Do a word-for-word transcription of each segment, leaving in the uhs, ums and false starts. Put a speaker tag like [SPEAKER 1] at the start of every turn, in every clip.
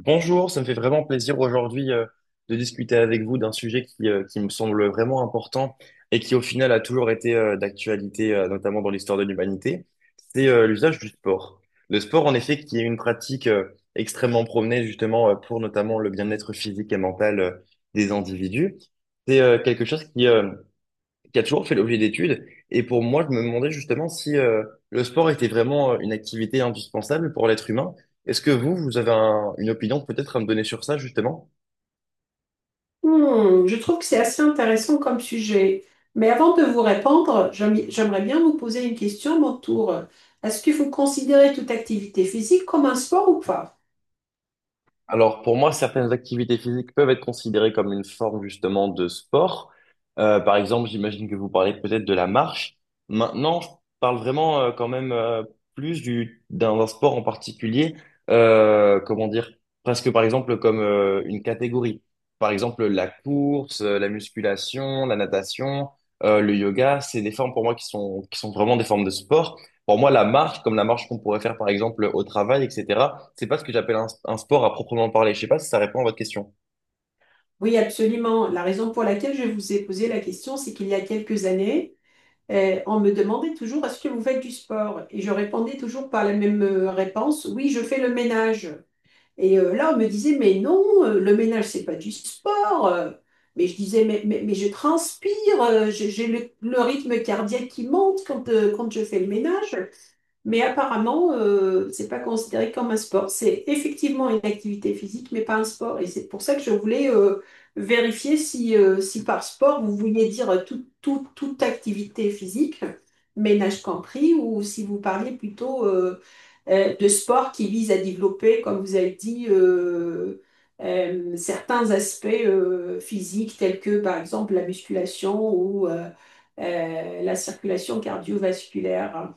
[SPEAKER 1] Bonjour, ça me fait vraiment plaisir aujourd'hui euh, de discuter avec vous d'un sujet qui, euh, qui me semble vraiment important et qui au final a toujours été euh, d'actualité, euh, notamment dans l'histoire de l'humanité, c'est euh, l'usage du sport. Le sport, en effet, qui est une pratique euh, extrêmement promenée justement euh, pour notamment le bien-être physique et mental euh, des individus, c'est euh, quelque chose qui, euh, qui a toujours fait l'objet d'études. Et pour moi, je me demandais justement si euh, le sport était vraiment euh, une activité indispensable pour l'être humain. Est-ce que vous, vous avez un- une opinion peut-être à me donner sur ça, justement?
[SPEAKER 2] Hmm, je trouve que c'est assez intéressant comme sujet. Mais avant de vous répondre, j'aim- j'aimerais bien vous poser une question à mon tour. Est-ce que vous considérez toute activité physique comme un sport ou pas?
[SPEAKER 1] Alors, pour moi, certaines activités physiques peuvent être considérées comme une forme justement de sport. Euh, par exemple, j'imagine que vous parlez peut-être de la marche. Maintenant, je parle vraiment euh, quand même euh, plus du d'un d'un sport en particulier. Euh, comment dire? Presque par exemple comme euh, une catégorie. Par exemple, la course, euh, la musculation, la natation, euh, le yoga, c'est des formes pour moi qui sont qui sont vraiment des formes de sport. Pour moi, la marche, comme la marche qu'on pourrait faire par exemple au travail, et cetera, c'est pas ce que j'appelle un, un sport à proprement parler. Je sais pas si ça répond à votre question.
[SPEAKER 2] Oui, absolument. La raison pour laquelle je vous ai posé la question, c'est qu'il y a quelques années, eh, on me demandait toujours est-ce que vous faites du sport? Et je répondais toujours par la même euh, réponse, oui, je fais le ménage. Et euh, là, on me disait, mais non, euh, le ménage, c'est pas du sport. euh. mais je disais, mais, mais, mais je transpire, euh, j'ai j'ai le, le rythme cardiaque qui monte quand, euh, quand je fais le ménage. Mais apparemment, euh, c'est pas considéré comme un sport. C'est effectivement une activité physique, mais pas un sport. Et c'est pour ça que je voulais euh, vérifier si, euh, si par sport, vous vouliez dire tout- tout- toute activité physique, ménage compris, ou si vous parliez plutôt euh, euh, de sport qui vise à développer, comme vous avez dit, euh, euh, certains aspects euh, physiques, tels que par exemple la musculation ou euh, euh, la circulation cardiovasculaire.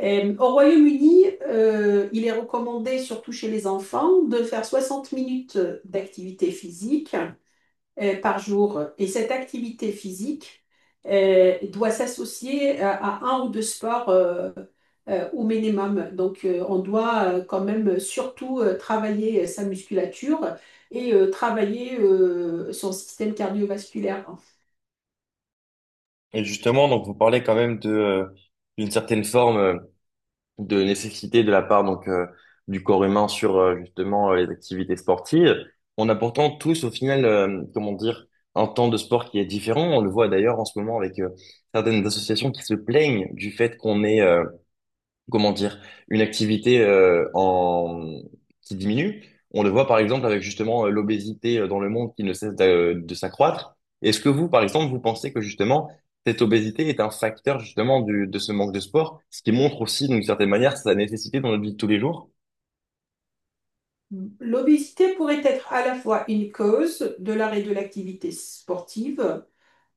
[SPEAKER 2] Euh, au Royaume-Uni, euh, il est recommandé, surtout chez les enfants, de faire soixante minutes d'activité physique euh, par jour. Et cette activité physique euh, doit s'associer à, à un ou deux sports euh, euh, au minimum. Donc, euh, on doit euh, quand même surtout euh, travailler euh, sa musculature et euh, travailler euh, son système cardiovasculaire.
[SPEAKER 1] Et justement, donc vous parlez quand même de euh, d'une certaine forme euh, de nécessité de la part donc euh, du corps humain sur euh, justement euh, les activités sportives. On a pourtant tous au final, euh, comment dire, un temps de sport qui est différent. On le voit d'ailleurs en ce moment avec euh, certaines associations qui se plaignent du fait qu'on est comment dire, une activité euh, en... qui diminue. On le voit par exemple avec justement euh, l'obésité euh, dans le monde qui ne cesse d'a- de s'accroître. Est-ce que vous, par exemple, vous pensez que justement cette obésité est un facteur justement du, de ce manque de sport, ce qui montre aussi d'une certaine manière sa nécessité dans notre vie de tous les jours?
[SPEAKER 2] L'obésité pourrait être à la fois une cause de l'arrêt de l'activité sportive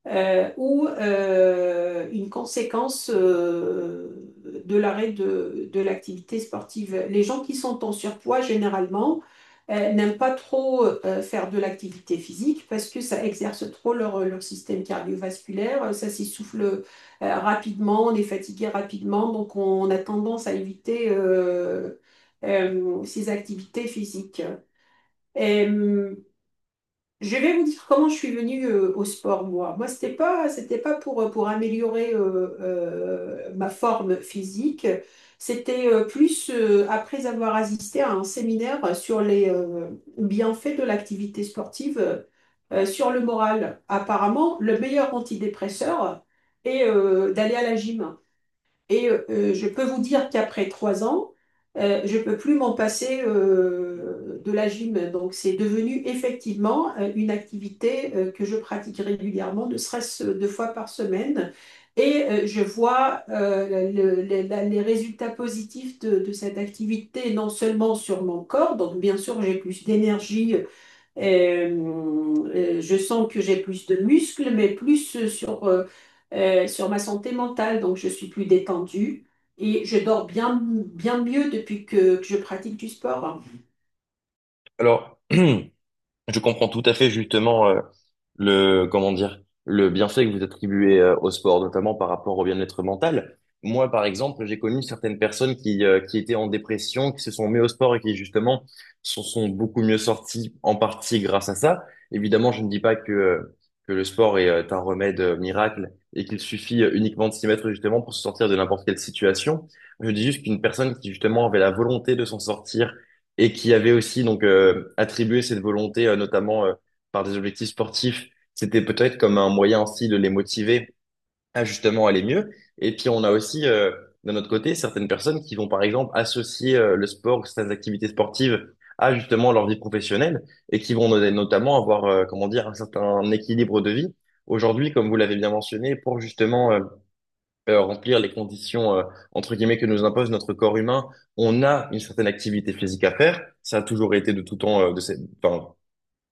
[SPEAKER 2] euh, ou euh, une conséquence euh, de l'arrêt de, de l'activité sportive. Les gens qui sont en surpoids, généralement, euh, n'aiment pas trop euh, faire de l'activité physique parce que ça exerce trop leur, leur système cardiovasculaire, ça s'essouffle euh, rapidement, on est fatigué rapidement, donc on a tendance à éviter euh, euh, ces activités physiques. Euh, je vais vous dire comment je suis venue euh, au sport, moi. Moi, c'était pas, c'était pas pour, euh, pour améliorer euh, euh, ma forme physique. C'était euh, plus euh, après avoir assisté à un séminaire sur les euh, bienfaits de l'activité sportive euh, sur le moral. Apparemment, le meilleur antidépresseur est euh, d'aller à la gym. Et euh, euh, je peux vous dire qu'après trois ans, euh, je ne peux plus m'en passer euh, de la gym. Donc, c'est devenu effectivement euh, une activité euh, que je pratique régulièrement, ne serait-ce euh, deux fois par semaine. Et euh, je vois euh, le- le- la- les résultats positifs de, de cette activité, non seulement sur mon corps, donc bien sûr j'ai plus d'énergie euh, euh, je sens que j'ai plus de muscles, mais plus euh, sur, euh, euh, sur ma santé mentale. Donc, je suis plus détendue et je dors bien, bien mieux depuis que, que je pratique du sport.
[SPEAKER 1] Alors, je comprends tout à fait justement euh, le comment dire le bienfait que vous attribuez euh, au sport, notamment par rapport au bien-être mental. Moi, par exemple, j'ai connu certaines personnes qui euh, qui étaient en dépression, qui se sont mis au sport et qui justement s'en sont beaucoup mieux sortis en partie grâce à ça. Évidemment, je ne dis pas que euh, que le sport est euh, un remède euh, miracle et qu'il suffit euh, uniquement de s'y mettre justement pour se sortir de n'importe quelle situation. Je dis juste qu'une personne qui justement avait la volonté de s'en sortir et qui avait aussi donc euh, attribué cette volonté euh, notamment euh, par des objectifs sportifs, c'était peut-être comme un moyen aussi de les motiver à justement aller mieux. Et puis on a aussi, euh, d'un autre côté, certaines personnes qui vont par exemple associer euh, le sport, certaines activités sportives à justement leur vie professionnelle et qui vont no- notamment avoir, euh, comment dire, un certain équilibre de vie. Aujourd'hui, comme vous l'avez bien mentionné, pour justement euh, euh, remplir les conditions euh, entre guillemets que nous impose notre corps humain, on a une certaine activité physique à faire. Ça a toujours été de tout temps, euh, de cette, enfin,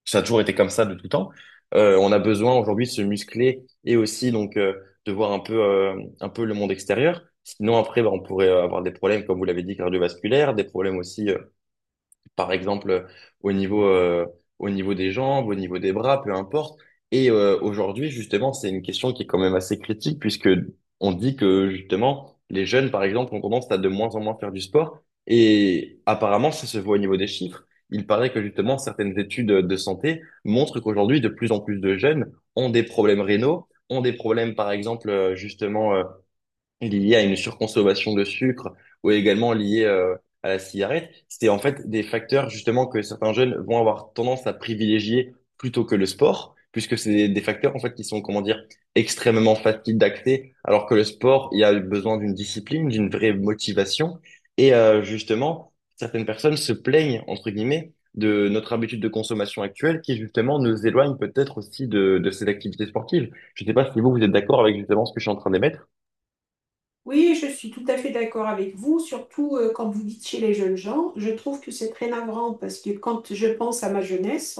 [SPEAKER 1] ça a toujours été comme ça de tout temps. Euh, on a besoin aujourd'hui de se muscler et aussi donc euh, de voir un peu euh, un peu le monde extérieur. Sinon après, bah, on pourrait avoir des problèmes, comme vous l'avez dit, cardiovasculaires, des problèmes aussi euh, par exemple euh, au niveau euh, au niveau des jambes, au niveau des bras, peu importe. Et euh, aujourd'hui, justement, c'est une question qui est quand même assez critique puisque on dit que justement les jeunes, par exemple, ont tendance à de moins en moins faire du sport et apparemment ça se voit au niveau des chiffres. Il paraît que justement certaines études de santé montrent qu'aujourd'hui de plus en plus de jeunes ont des problèmes rénaux, ont des problèmes, par exemple, euh, justement euh, liées à une surconsommation de sucre ou également liées euh, à la cigarette. C'est en fait des facteurs justement que certains jeunes vont avoir tendance à privilégier plutôt que le sport, puisque c'est des, des facteurs en fait qui sont, comment dire, extrêmement faciles d'accès, alors que le sport, il y a besoin d'une discipline, d'une vraie motivation. Et euh, justement, certaines personnes se plaignent, entre guillemets, de notre habitude de consommation actuelle qui justement nous éloigne peut-être aussi de, de ces activités sportives. Je ne sais pas si vous, vous êtes d'accord avec justement ce que je suis en train d'émettre.
[SPEAKER 2] Oui, je suis tout à fait d'accord avec vous, surtout euh, quand vous dites chez les jeunes gens. Je trouve que c'est très navrant parce que quand je pense à ma jeunesse,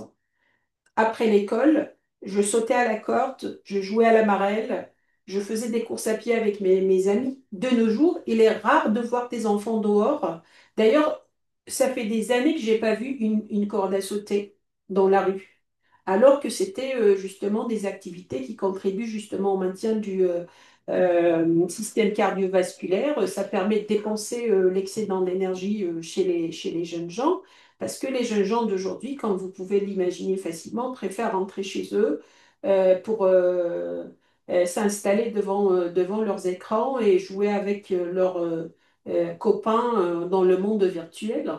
[SPEAKER 2] après l'école, je sautais à la corde, je jouais à la marelle, je faisais des courses à pied avec mes, mes amis. De nos jours, il est rare de voir des enfants dehors. D'ailleurs, ça fait des années que j'ai pas vu une, une corde à sauter dans la rue, alors que c'était euh, justement des activités qui contribuent justement au maintien du euh, euh, système cardiovasculaire. Ça permet de dépenser euh, l'excédent d'énergie euh, chez les, chez les jeunes gens. Parce que les jeunes gens d'aujourd'hui, comme vous pouvez l'imaginer facilement, préfèrent rentrer chez eux euh, pour euh, euh, s'installer devant, euh, devant leurs écrans et jouer avec euh, leurs euh, euh, copains euh, dans le monde virtuel.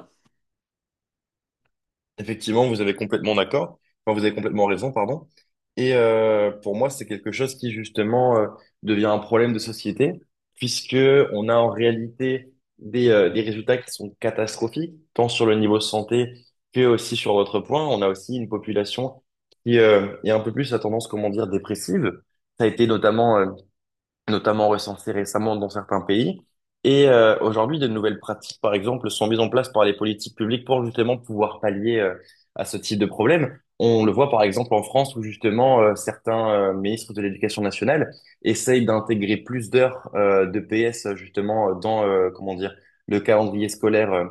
[SPEAKER 1] Effectivement, vous avez complètement d'accord. Enfin, vous avez complètement raison, pardon. Et euh, pour moi, c'est quelque chose qui justement euh, devient un problème de société, puisque on a en réalité des, euh, des résultats qui sont catastrophiques, tant sur le niveau santé que aussi sur votre point. On a aussi une population qui euh, est un peu plus à tendance, comment dire, dépressive. Ça a été notamment euh, notamment recensées récemment dans certains pays. Et euh, aujourd'hui, de nouvelles pratiques, par exemple, sont mises en place par les politiques publiques pour justement pouvoir pallier euh, à ce type de problème. On le voit par exemple en France où justement euh, certains euh, ministres de l'Éducation nationale essayent d'intégrer plus d'heures euh, de P S justement dans euh, comment dire le calendrier scolaire euh,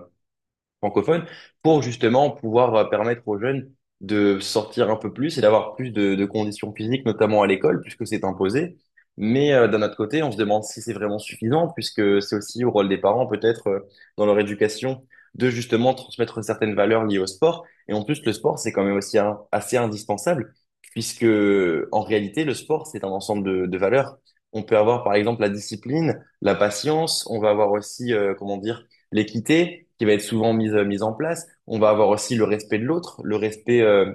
[SPEAKER 1] francophone pour justement pouvoir euh, permettre aux jeunes de sortir un peu plus et d'avoir plus de, de conditions physiques, notamment à l'école, puisque c'est imposé. Mais euh, d'un autre côté, on se demande si c'est vraiment suffisant, puisque c'est aussi au rôle des parents, peut-être, euh, dans leur éducation, de justement transmettre certaines valeurs liées au sport. Et en plus, le sport, c'est quand même aussi un- assez indispensable, puisque en réalité, le sport, c'est un ensemble de, de valeurs. On peut avoir, par exemple, la discipline, la patience, on va avoir aussi, euh, comment dire, l'équité qui va être souvent mise, euh, mise en place. On va avoir aussi le respect de l'autre, le respect euh,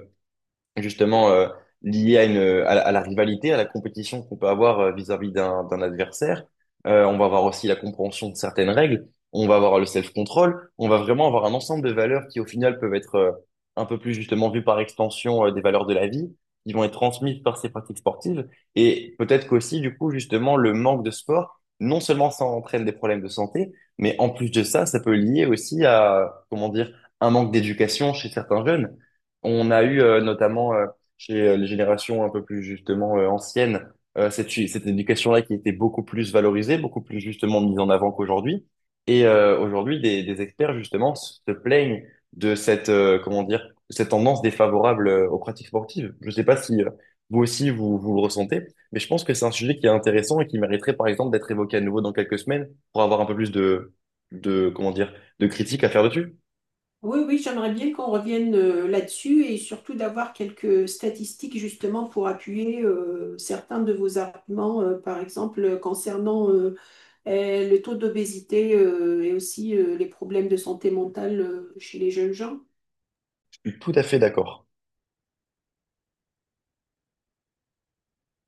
[SPEAKER 1] justement euh, lié à une à, la à la rivalité, à la compétition qu'on peut avoir euh, vis-à-vis d'un d'un adversaire. Euh, on va avoir aussi la compréhension de certaines règles, on va avoir le self-control, on va vraiment avoir un ensemble de valeurs qui au final peuvent être euh, un peu plus justement vues par extension euh, des valeurs de la vie, qui vont être transmises par ces pratiques sportives et peut-être qu'aussi du coup justement le manque de sport. Non seulement ça entraîne des problèmes de santé, mais en plus de ça, ça peut lier aussi à, comment dire, un manque d'éducation chez certains jeunes. On a eu euh, notamment euh, chez euh, les générations un peu plus justement euh, anciennes euh, cette, cette éducation-là qui était beaucoup plus valorisée, beaucoup plus justement mise en avant qu'aujourd'hui. Et euh, aujourd'hui, des, des experts justement se plaignent de cette euh, comment dire de cette tendance défavorable euh, aux pratiques sportives. Je ne sais pas si euh, vous aussi vous, vous le ressentez, mais je pense que c'est un sujet qui est intéressant et qui mériterait par exemple d'être évoqué à nouveau dans quelques semaines pour avoir un peu plus de de comment dire de critiques à faire dessus.
[SPEAKER 2] Oui, oui, j'aimerais bien qu'on revienne euh, là-dessus et surtout d'avoir quelques statistiques justement pour appuyer euh, certains de vos arguments, euh, par exemple euh, concernant euh, euh, le taux d'obésité euh, et aussi euh, les problèmes de santé mentale euh, chez les jeunes gens.
[SPEAKER 1] Je suis tout à fait d'accord.